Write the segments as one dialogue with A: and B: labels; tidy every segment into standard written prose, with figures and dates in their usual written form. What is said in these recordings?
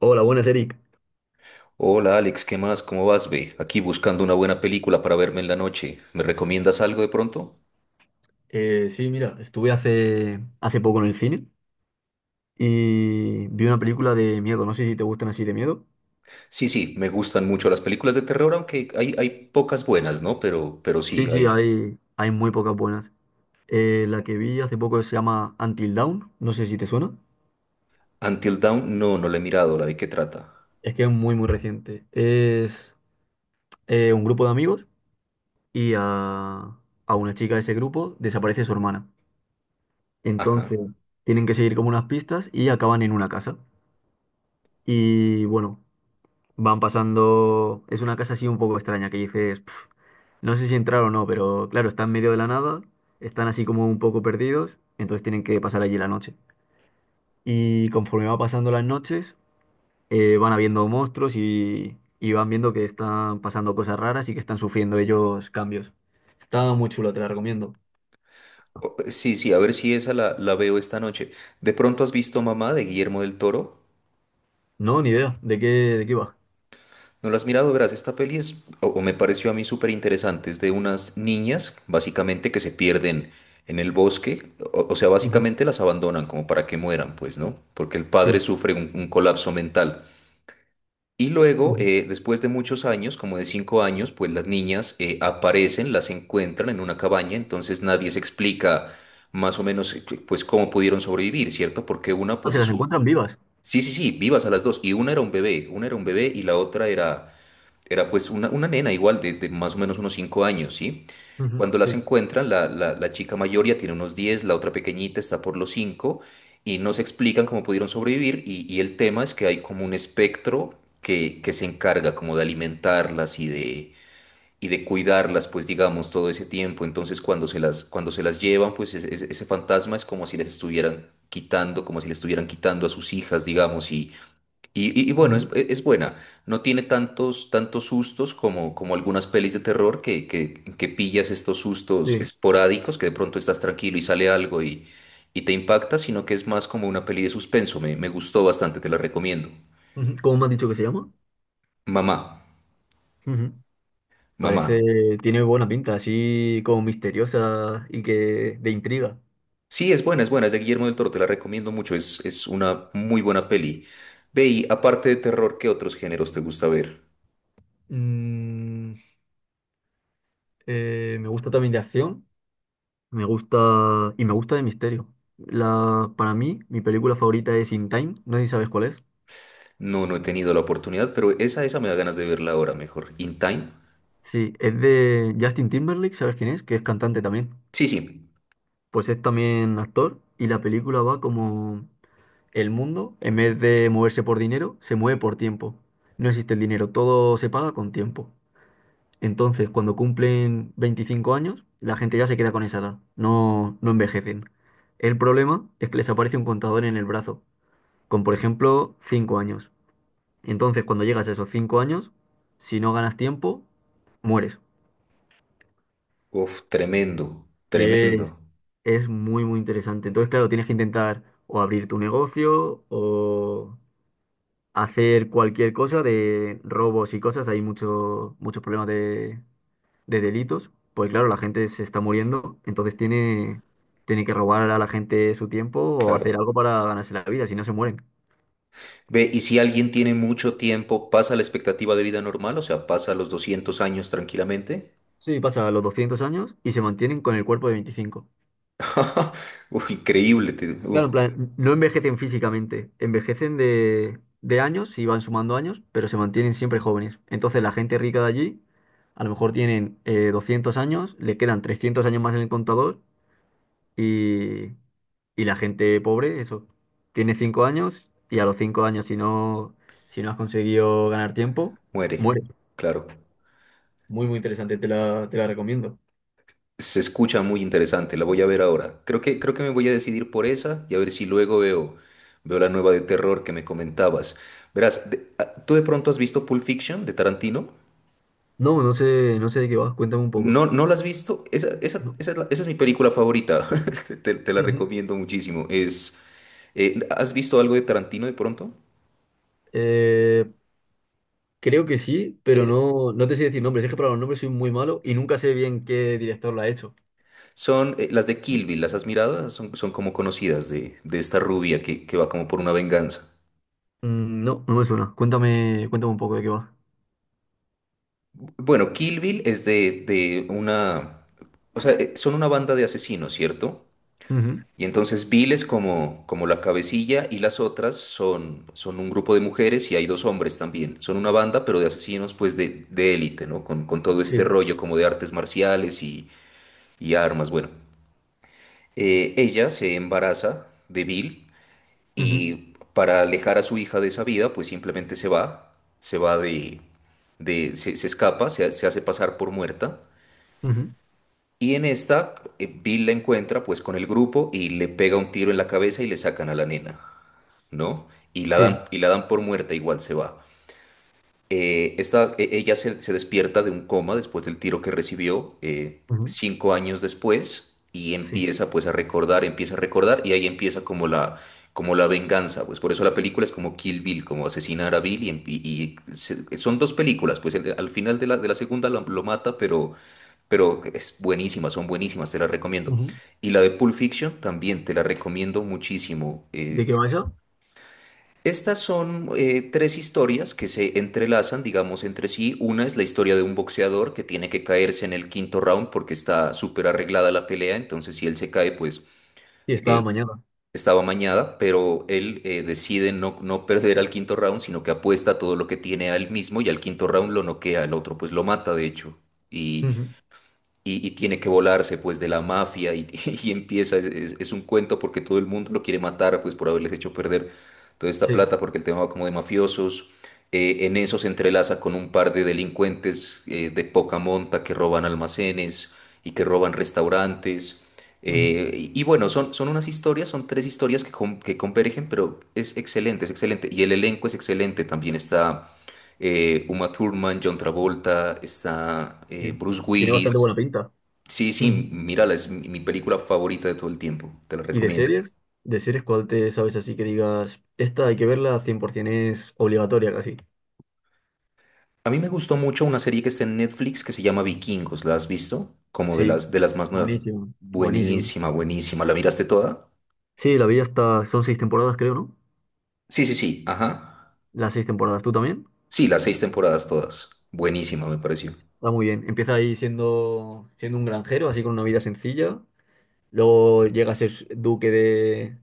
A: Hola, buenas, Eric.
B: Hola Alex, ¿qué más? ¿Cómo vas, ve? Aquí buscando una buena película para verme en la noche. ¿Me recomiendas algo de pronto?
A: Sí, mira, estuve hace poco en el cine y vi una película de miedo. No sé si te gustan así de miedo.
B: Sí, sí, me gustan mucho las películas de terror, aunque hay pocas buenas, ¿no? Pero sí,
A: Sí, sí,
B: hay.
A: hay muy pocas buenas. La que vi hace poco se llama Until Dawn. No sé si te suena.
B: Until Dawn, no, no la he mirado, ¿la de qué trata?
A: Es que es muy, muy reciente. Es un grupo de amigos y a una chica de ese grupo desaparece su hermana.
B: Ajá.
A: Entonces tienen que seguir como unas pistas y acaban en una casa. Y bueno. Van pasando. Es una casa así un poco extraña que dices, "Pf, no sé si entrar o no", pero claro, están en medio de la nada, están así como un poco perdidos, entonces tienen que pasar allí la noche. Y conforme va pasando las noches, van habiendo monstruos y van viendo que están pasando cosas raras y que están sufriendo ellos cambios. Está muy chulo, te la recomiendo.
B: Sí, sí, a ver si esa la veo esta noche. ¿De pronto has visto Mamá de Guillermo del Toro?
A: No, ni idea de qué va.
B: No la has mirado, verás, esta peli es, o me pareció a mí súper interesante, es de unas niñas, básicamente, que se pierden en el bosque, o sea,
A: Ujú.
B: básicamente las abandonan como para que mueran, pues, ¿no? Porque el padre
A: Sí.
B: sufre un colapso mental. Y luego,
A: Ujú.
B: después de muchos años, como de 5 años, pues las niñas aparecen, las encuentran en una cabaña, entonces nadie se explica más o menos, pues, cómo pudieron sobrevivir, ¿cierto? Porque una,
A: Ah,
B: pues,
A: se
B: es...
A: las
B: su-
A: encuentran vivas.
B: Sí, sí, sí, vivas a las dos, y una era un bebé, una era un bebé y la otra era pues una nena igual de más o menos unos 5 años, ¿sí?
A: Ujú,
B: Cuando las
A: sí.
B: encuentran, la chica mayor ya tiene unos 10, la otra pequeñita está por los 5, y no se explican cómo pudieron sobrevivir, y el tema es que hay como un espectro que se encarga como de alimentarlas y de cuidarlas, pues digamos, todo ese tiempo. Entonces cuando se las llevan, pues ese fantasma es como si les estuvieran quitando, como si les estuvieran quitando a sus hijas, digamos, y bueno, es,
A: Ujú.
B: es buena. No tiene tantos sustos como algunas pelis de terror que pillas estos sustos
A: Sí.
B: esporádicos, que de pronto estás tranquilo y sale algo y te impacta, sino que es más como una peli de suspenso. Me gustó bastante, te la recomiendo.
A: Ujú. ¿Cómo me han dicho que se llama?
B: Mamá,
A: Ujú.
B: mamá.
A: Parece, tiene buena pinta, así como misteriosa y que de intriga.
B: Sí, es buena, es buena, es de Guillermo del Toro, te la recomiendo mucho. Es una muy buena peli. Ve, y aparte de terror, ¿qué otros géneros te gusta ver?
A: Mm, me gusta también de acción, me gusta de misterio. La, para mí, mi película favorita es In Time, no sé si sabes cuál es.
B: No, no he tenido la oportunidad, pero esa me da ganas de verla ahora mejor. In Time.
A: Sí, es de Justin Timberlake, ¿sabes quién es? Que es cantante también.
B: Sí, sí.
A: Pues es también actor y la película va como el mundo, en vez de moverse por dinero, se mueve por tiempo. No existe el dinero, todo se paga con tiempo. Entonces, cuando cumplen 25 años, la gente ya se queda con esa edad, no envejecen. El problema es que les aparece un contador en el brazo, con por ejemplo 5 años. Entonces, cuando llegas a esos 5 años, si no ganas tiempo, mueres.
B: Uf, tremendo,
A: Y
B: tremendo,
A: es, es muy, muy interesante. Entonces, claro, tienes que intentar o abrir tu negocio o hacer cualquier cosa de robos y cosas. Hay muchos problemas de delitos, pues claro, la gente se está muriendo, entonces tiene que robar a la gente su tiempo o hacer
B: claro.
A: algo para ganarse la vida, si no se mueren.
B: Ve, y si alguien tiene mucho tiempo, ¿pasa la expectativa de vida normal? O sea, ¿pasa los 200 años tranquilamente?
A: Sí, pasa los 200 años y se mantienen con el cuerpo de 25.
B: Uf, increíble,
A: Claro, en plan, no envejecen físicamente, envejecen de años y van sumando años, pero se mantienen siempre jóvenes. Entonces la gente rica de allí, a lo mejor tienen 200 años, le quedan 300 años más en el contador. Y, y la gente pobre, eso, tiene 5 años y a los 5 años si no has conseguido ganar tiempo, muere.
B: muere, claro.
A: Muy, muy interesante, te la recomiendo.
B: Se escucha muy interesante, la voy a ver ahora. Creo que me voy a decidir por esa y a ver si luego veo la nueva de terror que me comentabas. Verás, ¿tú de pronto has visto Pulp Fiction de Tarantino?
A: No, no sé de qué vas, cuéntame un poco.
B: No, ¿no la has visto? Esa, esa,
A: No.
B: esa es la- esa es mi película favorita. Te la
A: Ujú.
B: recomiendo muchísimo. ¿Has visto algo de Tarantino de pronto?
A: Eh, Creo que sí, pero no, no te sé decir nombres. Es que para los nombres soy muy malo y nunca sé bien qué director la ha hecho.
B: Son las de Kill Bill, ¿las has mirado? Esas son como conocidas de esta rubia que va como por una venganza.
A: Mm, no, no me suena. Cuéntame un poco de qué va.
B: Bueno, Kill Bill es de una... O sea, son una banda de asesinos, ¿cierto?
A: Ujú.
B: Y entonces Bill es como la cabecilla y las otras son un grupo de mujeres y hay dos hombres también. Son una banda, pero de asesinos pues de élite, ¿no? Con todo
A: Sí.
B: este rollo como de artes marciales y armas. Bueno, ella se embaraza de Bill
A: Ujú.
B: y para alejar a su hija de esa vida pues simplemente se va, se escapa, se hace pasar por muerta.
A: Ujú.
B: Y en esta, Bill la encuentra pues con el grupo y le pega un tiro en la cabeza y le sacan a la nena. ¿No? Y la
A: Sí.
B: dan, y la dan por muerta, igual se va. Ella se despierta de un coma después del tiro que recibió,
A: Ujú.
B: 5 años después, y
A: Sí.
B: empieza pues a recordar, empieza a recordar, y ahí empieza como la venganza, pues por eso la película es como Kill Bill, como asesinar a Bill, y, son dos películas, pues al final de la segunda lo mata, pero es buenísima, son buenísimas, te las recomiendo.
A: Ujú.
B: Y la de Pulp Fiction también te la recomiendo muchísimo.
A: ¿De
B: eh,
A: qué va esa?
B: estas son tres historias que se entrelazan, digamos, entre sí. Una es la historia de un boxeador que tiene que caerse en el quinto round porque está súper arreglada la pelea, entonces si él se cae, pues
A: Sí, estaba
B: eh,
A: mañana.
B: estaba mañada, pero él decide no perder al quinto round, sino que apuesta todo lo que tiene a él mismo y al quinto round lo noquea, el otro pues lo mata, de hecho. Y
A: Ujú.
B: y tiene que volarse pues de la mafia y, y empieza, es un cuento porque todo el mundo lo quiere matar pues por haberles hecho perder toda esta
A: Sí.
B: plata porque el tema va como de mafiosos. En eso se entrelaza con un par de delincuentes de poca monta que roban almacenes y que roban restaurantes.
A: Ujú,
B: Y bueno, son unas historias, son tres historias que convergen, pero es excelente, es excelente. Y el elenco es excelente, también está Uma Thurman, John Travolta, está
A: sí.
B: Bruce
A: Tiene bastante
B: Willis.
A: buena pinta.
B: Sí, sí,
A: Ujú.
B: mírala, es mi película favorita de todo el tiempo, te la
A: ¿Y de
B: recomiendo.
A: series? ¿De series cuál te sabes así que digas, esta hay que verla 100% es obligatoria casi?
B: A mí me gustó mucho una serie que está en Netflix que se llama Vikingos, ¿la has visto? Como de
A: Sí,
B: las, de las más nuevas.
A: buenísimo, buenísimo.
B: Buenísima, buenísima, ¿la miraste toda?
A: Sí, la vi hasta, son 6 temporadas creo, ¿no?
B: Sí, sí, sí, ajá.
A: Las 6 temporadas, ¿tú también?
B: Sí, las seis temporadas todas. Buenísima, me pareció.
A: Está muy bien. Empieza ahí siendo un granjero, así con una vida sencilla. Luego llega a ser duque de,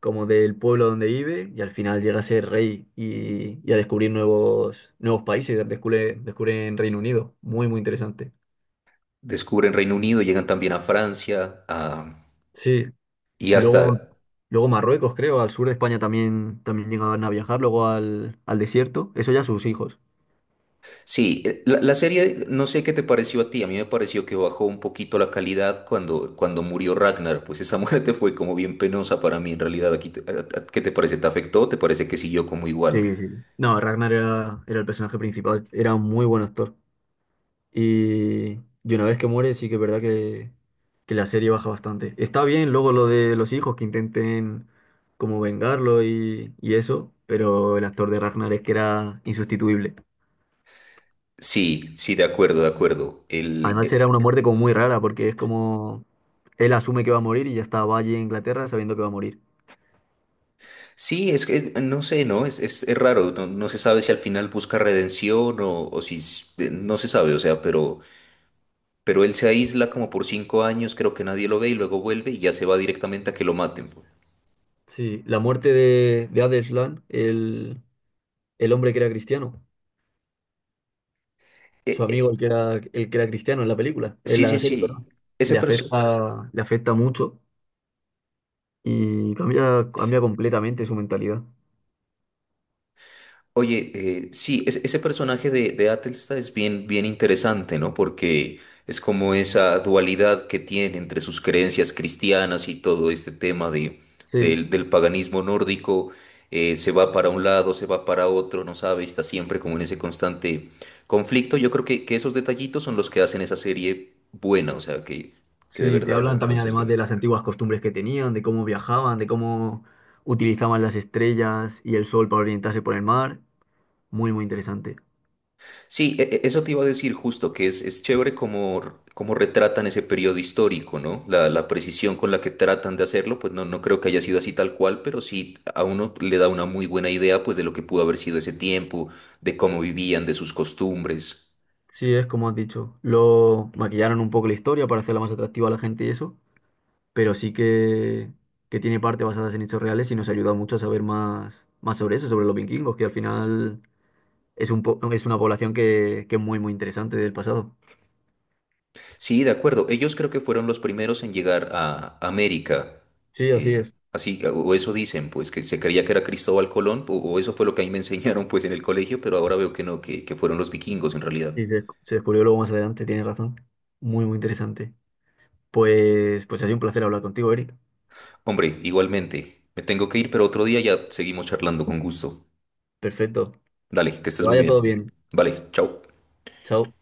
A: como del pueblo donde vive y al final llega a ser rey y a descubrir nuevos países, descubre en Reino Unido. Muy, muy interesante.
B: Descubren Reino Unido, llegan también a Francia,
A: Sí,
B: y
A: luego,
B: hasta...
A: luego Marruecos, creo, al sur de España también, también llegaban a viajar, luego al desierto, eso ya sus hijos.
B: Sí, la serie, no sé qué te pareció a ti, a mí me pareció que bajó un poquito la calidad cuando murió Ragnar, pues esa muerte fue como bien penosa para mí en realidad. Aquí te- a- ¿Qué te parece? ¿Te afectó? ¿Te parece que siguió como igual?
A: Sí, sí. No, Ragnar era el personaje principal, era un muy buen actor. Y, y una vez que muere, sí que es verdad que la serie baja bastante. Está bien luego lo de los hijos que intenten como vengarlo y eso, pero el actor de Ragnar es que era insustituible.
B: Sí, sí, de acuerdo, de acuerdo. El,
A: Además era
B: el-
A: una muerte como muy rara porque es como él asume que va a morir y ya está, va allí a Inglaterra sabiendo que va a morir.
B: sí, es que no sé, ¿no? Es raro, no se sabe si al final busca redención o no se sabe, o sea, pero él se aísla como por 5 años, creo que nadie lo ve y luego vuelve y ya se va directamente a que lo maten, pues.
A: Sí, la muerte de Adelsland, el hombre que era cristiano,
B: Eh,
A: su
B: eh,
A: amigo el que era cristiano en la película, en
B: Sí,
A: la
B: sí,
A: serie, perdón,
B: sí. Ese perso-
A: le afecta mucho y cambia completamente su mentalidad.
B: Oye, sí, ese personaje de Atelsta es bien, bien interesante, ¿no? Porque es como esa dualidad que tiene entre sus creencias cristianas y todo este tema de,
A: Sí,
B: del, del paganismo nórdico. Se va para un lado, se va para otro, no sabe, está siempre como en ese constante conflicto. Yo creo que esos detallitos son los que hacen esa serie buena, o sea, que de
A: sí, te
B: verdad le
A: hablan
B: dan buen
A: también además
B: sustento.
A: de las antiguas costumbres que tenían, de cómo viajaban, de cómo utilizaban las estrellas y el sol para orientarse por el mar. Muy, muy interesante.
B: Sí, eso te iba a decir justo, que es chévere cómo retratan ese periodo histórico, ¿no? La precisión con la que tratan de hacerlo, pues no creo que haya sido así tal cual, pero sí a uno le da una muy buena idea, pues, de lo que pudo haber sido ese tiempo, de cómo vivían, de sus costumbres.
A: Sí, es como has dicho. Lo maquillaron un poco la historia para hacerla más atractiva a la gente y eso, pero sí que tiene parte basadas en hechos reales y nos ayuda mucho a saber más sobre eso, sobre los vikingos, que al final es una población que es muy, muy interesante del pasado.
B: Sí, de acuerdo. Ellos creo que fueron los primeros en llegar a América.
A: Sí, así
B: eh,
A: es.
B: así, o eso dicen, pues, que se creía que era Cristóbal Colón, o eso fue lo que a mí me enseñaron, pues, en el colegio, pero ahora veo que no, que fueron los vikingos en realidad.
A: Sí, se descubrió luego más adelante, tienes razón. Muy, muy interesante. Pues ha sido un placer hablar contigo, Eric.
B: Hombre, igualmente. Me tengo que ir, pero otro día ya seguimos charlando con gusto.
A: Perfecto. Que
B: Dale, que estés muy
A: vaya todo
B: bien.
A: bien.
B: Vale, chao.
A: Chao.